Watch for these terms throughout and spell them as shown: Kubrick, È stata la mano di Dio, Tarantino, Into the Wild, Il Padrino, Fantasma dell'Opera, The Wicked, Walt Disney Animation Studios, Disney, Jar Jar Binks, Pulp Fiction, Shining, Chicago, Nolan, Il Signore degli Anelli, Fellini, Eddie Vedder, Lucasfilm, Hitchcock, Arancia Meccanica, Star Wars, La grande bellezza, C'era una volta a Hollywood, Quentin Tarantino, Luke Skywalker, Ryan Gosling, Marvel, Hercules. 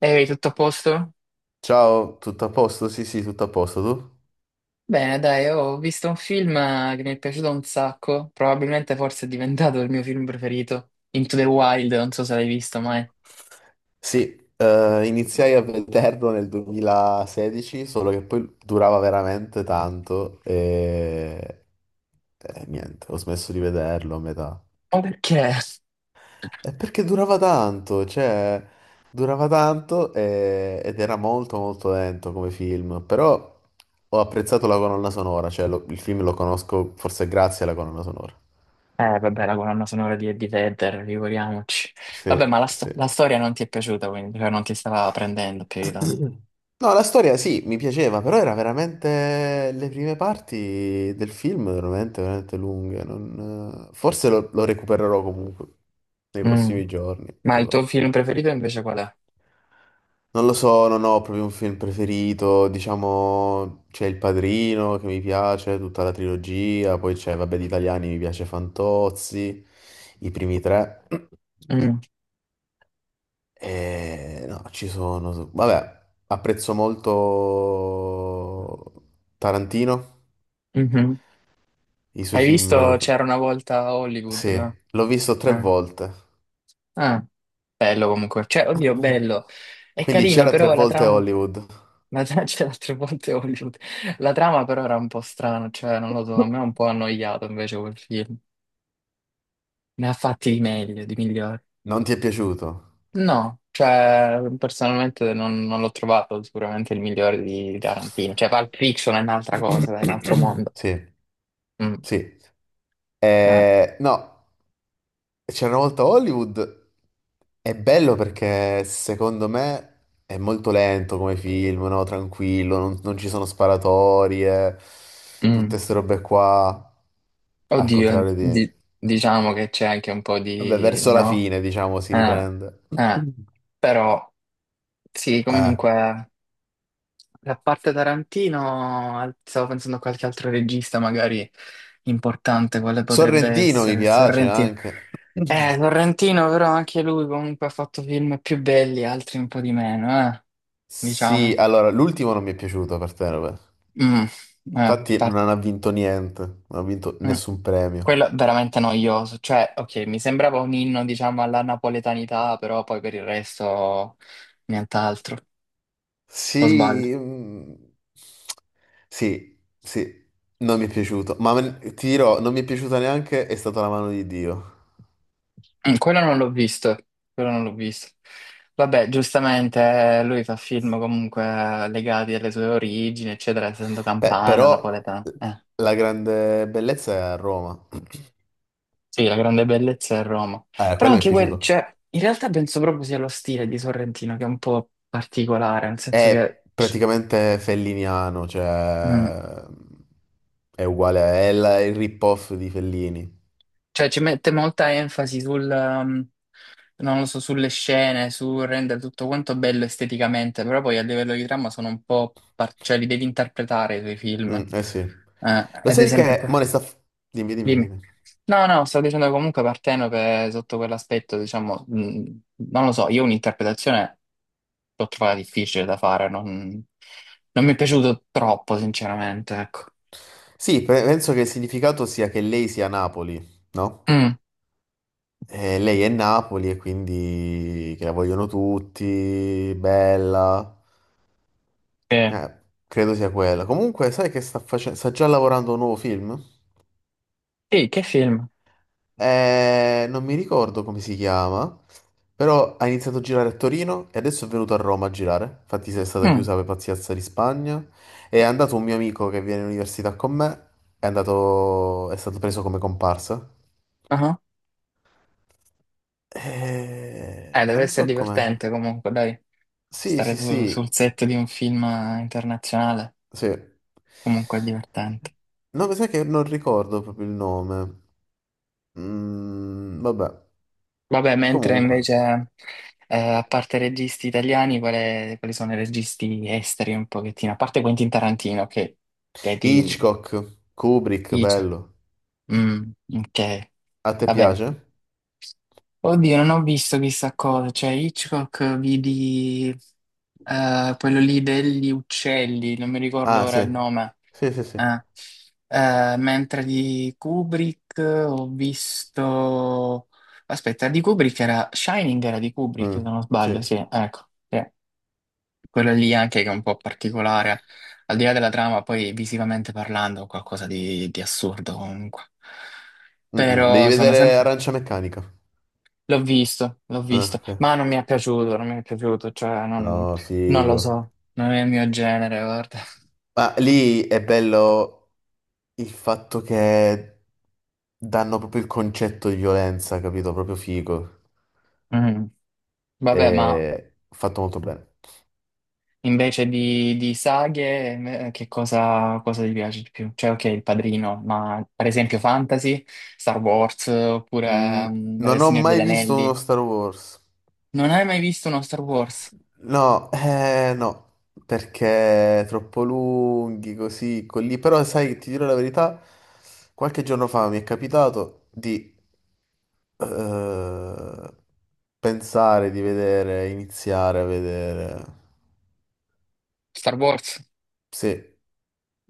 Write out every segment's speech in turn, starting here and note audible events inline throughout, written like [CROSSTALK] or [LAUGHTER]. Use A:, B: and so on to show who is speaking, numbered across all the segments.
A: Ehi, tutto a posto?
B: Ciao, tutto a posto? Sì, sì, tutto a posto, tu?
A: Bene, dai, ho visto un film che mi è piaciuto un sacco, probabilmente forse è diventato il mio film preferito, Into the Wild, non so se l'hai visto mai.
B: Sì, iniziai a vederlo nel 2016, solo che poi durava veramente tanto e niente, ho smesso di vederlo a metà.
A: Ma perché?
B: E perché durava tanto, cioè, durava tanto ed era molto molto lento come film, però ho apprezzato la colonna sonora, cioè il film lo conosco forse grazie alla colonna sonora.
A: Vabbè, la colonna sonora di Eddie Vedder, figuriamoci. Vabbè, ma
B: Sì, sì.
A: la storia non ti è piaciuta, quindi, cioè non ti stava prendendo più di tanto.
B: No, la storia sì, mi piaceva, però era veramente le prime parti del film veramente, veramente lunghe. Forse lo recupererò comunque nei
A: Mm.
B: prossimi giorni.
A: Ma
B: Non
A: il
B: lo
A: tuo
B: so,
A: film preferito invece qual è?
B: Non lo so, non ho proprio un film preferito. Diciamo, c'è Il Padrino che mi piace, tutta la trilogia. Poi c'è, vabbè, di italiani mi piace Fantozzi, i primi tre.
A: Mm,
B: No, ci sono. Vabbè, apprezzo molto Tarantino,
A: mhm.
B: i suoi
A: Hai
B: film.
A: visto C'era una volta a Hollywood,
B: Sì,
A: là?
B: l'ho visto tre
A: Ah,
B: volte.
A: ah, bello comunque. Cioè, oddio, bello. È
B: Quindi
A: carino,
B: c'era tre
A: però la
B: volte
A: trama.
B: Hollywood.
A: Ma già c'era tre [LAUGHS] volte Hollywood. La trama però era un po' strana, cioè non lo so, a me è un po' annoiato invece quel film. Ne ha fatti di meglio, di migliori.
B: Non ti è piaciuto?
A: No, cioè personalmente non l'ho trovato sicuramente il migliore di Tarantino. Cioè Pulp Fiction è un'altra cosa, dai, è un altro
B: [COUGHS] [CLEARS THROAT]
A: mondo.
B: Sì,
A: Mm,
B: sì.
A: eh,
B: No. C'era una volta a Hollywood, è bello perché secondo me è molto lento come film, no? Tranquillo, non ci sono sparatorie, tutte
A: mm.
B: ste robe qua, al
A: Oddio,
B: contrario di.
A: diciamo che c'è anche un po'
B: Vabbè,
A: di,
B: verso la
A: no?
B: fine, diciamo, si
A: Eh,
B: riprende.
A: eh,
B: [CLEARS THROAT]
A: però sì,
B: Eh.
A: comunque. E a parte Tarantino, stavo pensando a qualche altro regista magari importante, quale potrebbe
B: Sorrentino mi
A: essere
B: piace
A: Sorrentino.
B: anche.
A: Sorrentino però anche lui comunque ha fatto film più belli, altri un po' di meno,
B: Sì,
A: diciamo.
B: allora, l'ultimo non mi è piaciuto per te, vabbè.
A: Mm, eh,
B: Infatti
A: par-
B: non ha vinto niente, non ha vinto
A: mm.
B: nessun premio.
A: Quello è veramente noioso, cioè, ok, mi sembrava un inno, diciamo, alla napoletanità, però poi per il resto nient'altro, o sbaglio?
B: Sì, mm, sì, sì, non mi è piaciuto, ma ti dirò, non mi è piaciuta neanche È stata la mano di Dio.
A: Mm. Quello non l'ho visto, quello non l'ho visto. Vabbè, giustamente lui fa film comunque legati alle sue origini, eccetera, essendo
B: Beh,
A: campano,
B: però
A: napoletano.
B: la grande bellezza è a Roma.
A: Sì, la grande bellezza è Roma. Però
B: Quello mi è
A: anche quel,
B: piaciuto.
A: cioè, in realtà penso proprio sia lo stile di Sorrentino che è un po' particolare, nel senso che,
B: È praticamente felliniano,
A: mm,
B: cioè è uguale, è il rip-off di Fellini.
A: cioè, ci mette molta enfasi sul, non lo so, sulle scene, su rendere tutto quanto bello esteticamente, però poi a livello di trama sono un po' cioè li devi interpretare i tuoi film.
B: Mm,
A: Eh,
B: eh sì. Lo
A: ad
B: sai
A: esempio,
B: che mo ne sta. Dimmi, dimmi,
A: dimmi.
B: dimmi.
A: No, no, sto dicendo comunque Partenope sotto quell'aspetto, diciamo, non lo so, io un'interpretazione l'ho trovata difficile da fare, non mi è piaciuto troppo, sinceramente, ecco.
B: Sì, penso che il significato sia che lei sia Napoli, no?
A: Mm,
B: E lei è Napoli e quindi che la vogliono tutti, bella.
A: sì.
B: Eh, credo sia quella. Comunque, sai che sta facendo? Sta già lavorando a un nuovo film?
A: Sì, che film?
B: Non mi ricordo come si chiama, però ha iniziato a girare a Torino e adesso è venuto a Roma a girare. Infatti, si è stata
A: Mm,
B: chiusa per pazienza di Spagna. È andato un mio amico che viene in università con me, è stato preso come comparsa.
A: ah, deve
B: Non
A: essere
B: so com'è.
A: divertente comunque, dai.
B: Sì,
A: Stare
B: sì,
A: sul
B: sì.
A: set di un film internazionale
B: Sì.
A: comunque è divertente.
B: No, mi sa che non ricordo proprio il nome. Mm, vabbè,
A: Vabbè, mentre
B: comunque.
A: invece, a parte registi italiani, quali sono i registi esteri un pochettino? A parte Quentin Tarantino, che ti
B: Hitchcock, Kubrick,
A: dice.
B: bello.
A: Mm, ok,
B: A te
A: vabbè.
B: piace?
A: Oddio, non ho visto chissà cosa, cioè Hitchcock vidi quello lì degli uccelli, non mi ricordo
B: Ah,
A: ora
B: sì.
A: il nome.
B: Sì, sì, sì.
A: Ah. Mentre di Kubrick ho visto. Aspetta, di Kubrick era. Shining era di Kubrick, se
B: Mm,
A: non sbaglio,
B: sì.
A: sì, ecco. Sì. Quella lì anche che è un po' particolare, al di là della trama, poi visivamente parlando, qualcosa di assurdo comunque.
B: Mm, mm. Devi
A: Però sono
B: vedere
A: sempre.
B: Arancia Meccanica.
A: L'ho
B: Ah,
A: visto,
B: ok.
A: ma non mi è piaciuto, non mi è piaciuto, cioè non,
B: No,
A: non lo
B: figo.
A: so, non è il mio genere, guarda.
B: Ma lì è bello il fatto che danno proprio il concetto di violenza, capito? Proprio figo.
A: Mm. Vabbè, ma.
B: È fatto molto bene.
A: Invece di saghe, che cosa ti piace di più? Cioè, ok, Il Padrino, ma per esempio fantasy, Star Wars,
B: Mm,
A: oppure
B: non
A: Il
B: ho
A: Signore degli
B: mai visto uno
A: Anelli.
B: Star Wars.
A: Non hai mai visto uno Star Wars?
B: No, no, perché troppo lunghi così, quelli. Però sai, ti dirò la verità, qualche giorno fa mi è capitato di eh, pensare di vedere, iniziare a vedere.
A: Star Wars?
B: Sì,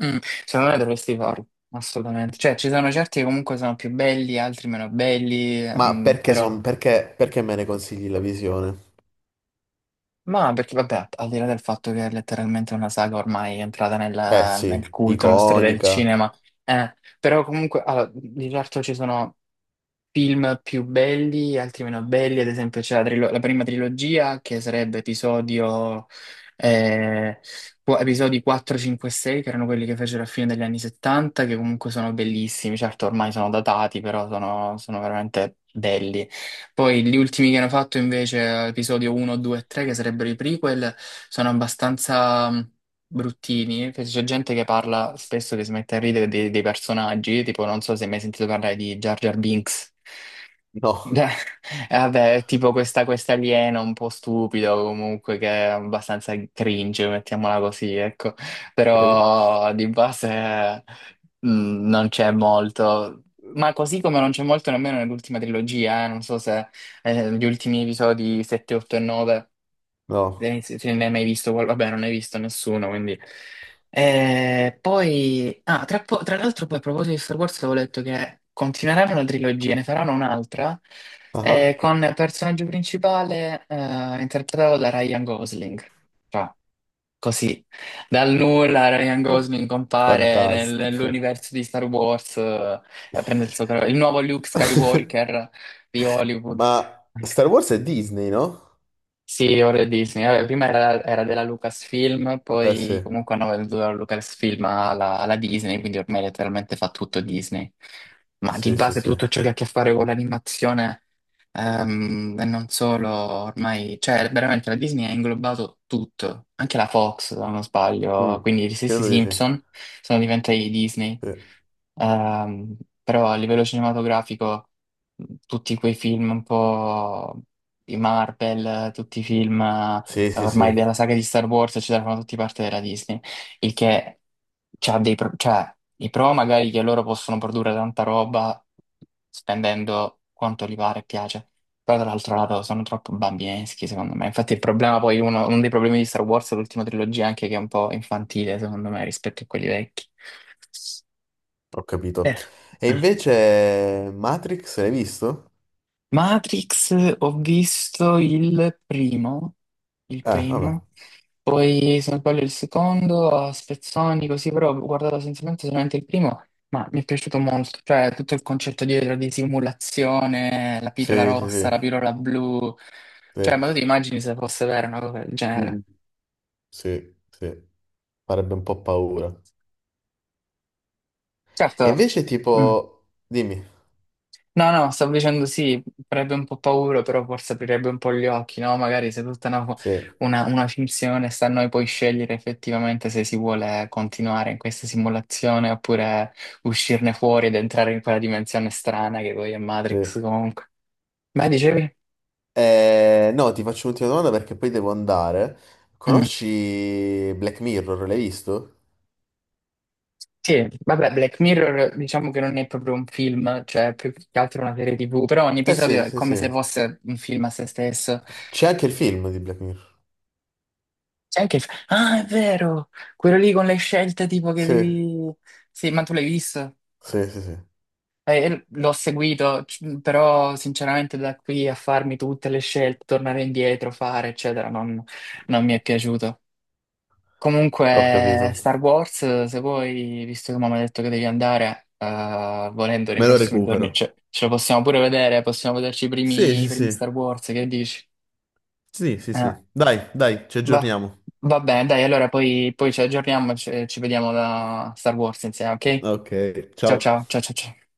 A: Mm, secondo me dovresti farlo, assolutamente. Cioè, ci sono certi che comunque sono più belli, altri meno belli,
B: ma perché,
A: però.
B: perché, me ne consigli la visione?
A: Ma perché vabbè, al di là del fatto che è letteralmente una saga ormai è entrata
B: Eh
A: nel
B: sì,
A: culto, nella storia del
B: iconica.
A: cinema, però comunque, allora, di certo ci sono film più belli, altri meno belli, ad esempio c'è la prima trilogia che sarebbe eh, episodi 4, 5 e 6, che erano quelli che fecero a fine degli anni 70, che comunque sono bellissimi, certo ormai sono datati, però sono veramente belli. Poi gli ultimi che hanno fatto invece, episodio 1, 2 e 3, che sarebbero i prequel, sono abbastanza bruttini, che c'è gente che parla spesso che si mette a ridere dei personaggi, tipo non so se hai mai sentito parlare di Jar Jar Binks.
B: No,
A: Beh, [LAUGHS] Vabbè, è tipo questa aliena un po' stupido comunque che è abbastanza cringe, mettiamola così, ecco.
B: ok,
A: Però di base non c'è molto. Ma così come non c'è molto nemmeno nell'ultima trilogia, non so se gli ultimi episodi 7, 8 e 9.
B: no.
A: Se ne hai mai visto. Vabbè, non hai visto nessuno, quindi. Poi... Ah, tra l'altro poi a proposito di Star Wars avevo letto che continueranno la trilogia, ne faranno un'altra,
B: Ah,
A: con personaggio principale interpretato da Ryan Gosling. Cioè, così. Dal nulla Ryan Gosling compare
B: fantastico.
A: nell'universo di Star Wars e prende il suo, il nuovo Luke
B: [LAUGHS]
A: Skywalker di Hollywood.
B: Ma Star Wars è Disney, no?
A: Sì, ora è Disney. Vabbè, prima era della Lucasfilm,
B: Eh sì,
A: poi comunque hanno venduto la Lucasfilm alla Disney, quindi ormai letteralmente fa tutto Disney. Ma di
B: sì, sì,
A: base tutto
B: sì.
A: ciò che ha a che fare con l'animazione, e non solo, ormai, cioè veramente la Disney ha inglobato tutto, anche la Fox, se non sbaglio,
B: Mm.
A: quindi gli stessi
B: Credo di sì.
A: Simpson sono diventati Disney. Ehm, Però a livello cinematografico tutti quei film un po' di Marvel, tutti i film
B: Sì, sì, sì,
A: ormai
B: sì.
A: della saga di Star Wars, eccetera, fanno tutti parte della Disney, il che c'ha dei pro, cioè, i pro magari che loro possono produrre tanta roba spendendo quanto gli pare e piace. Però dall'altro lato sono troppo bambineschi, secondo me. Infatti il problema poi, uno dei problemi di Star Wars, è l'ultima trilogia, anche che è un po' infantile, secondo me, rispetto a quelli vecchi.
B: Ho capito.
A: Eh.
B: E invece Matrix l'hai visto?
A: Matrix, ho visto il
B: Vabbè.
A: primo, poi se non sbaglio il secondo, a spezzoni così, però ho guardato essenzialmente solamente il primo, ma mi è piaciuto molto, cioè tutto il concetto dietro di simulazione, la pillola
B: Sì, sì,
A: rossa,
B: sì,
A: la pillola blu, cioè ma
B: sì.
A: tu ti immagini se fosse vera una cosa del
B: Mm.
A: genere?
B: Sì, sì. Farebbe un po' paura. E
A: Certo,
B: invece
A: mm.
B: tipo. Dimmi.
A: No, no, stavo dicendo sì, farebbe un po' paura, però forse aprirebbe un po' gli occhi, no? Magari se tutta una,
B: Sì,
A: una, una finzione sta a noi poi scegliere effettivamente se si vuole continuare in questa simulazione oppure uscirne fuori ed entrare in quella dimensione strana che poi è Matrix
B: sì.
A: comunque. Ma dicevi?
B: No, ti faccio un'ultima domanda perché poi devo andare.
A: Mm.
B: Conosci Black Mirror? L'hai visto?
A: Sì, vabbè, Black Mirror diciamo che non è proprio un film, cioè è più che altro una serie TV, però ogni
B: Eh sì,
A: episodio è
B: sì,
A: come se
B: sì.
A: fosse un film a se stesso.
B: C'è anche il film di Black Mirror.
A: Sai che, ah, è vero! Quello lì con le scelte tipo che
B: Sì,
A: devi. Sì, ma tu l'hai visto?
B: sì, sì, sì,
A: L'ho seguito, però sinceramente da qui a farmi tutte le scelte, tornare indietro, fare, eccetera, non mi è piaciuto.
B: ho
A: Comunque,
B: capito.
A: Star Wars, se vuoi, visto che mamma ha detto che devi andare, volendo nei
B: Me lo
A: prossimi giorni,
B: recupero.
A: ce lo possiamo pure vedere, possiamo vederci i
B: Sì,
A: primi,
B: sì,
A: i primi
B: sì,
A: Star Wars, che dici?
B: sì, sì,
A: Eh.
B: sì. Dai, dai, ci
A: Va,
B: aggiorniamo.
A: va bene, dai, allora poi ci aggiorniamo e ci vediamo da Star Wars insieme, ok?
B: Ok,
A: Ciao
B: ciao.
A: ciao ciao ciao ciao.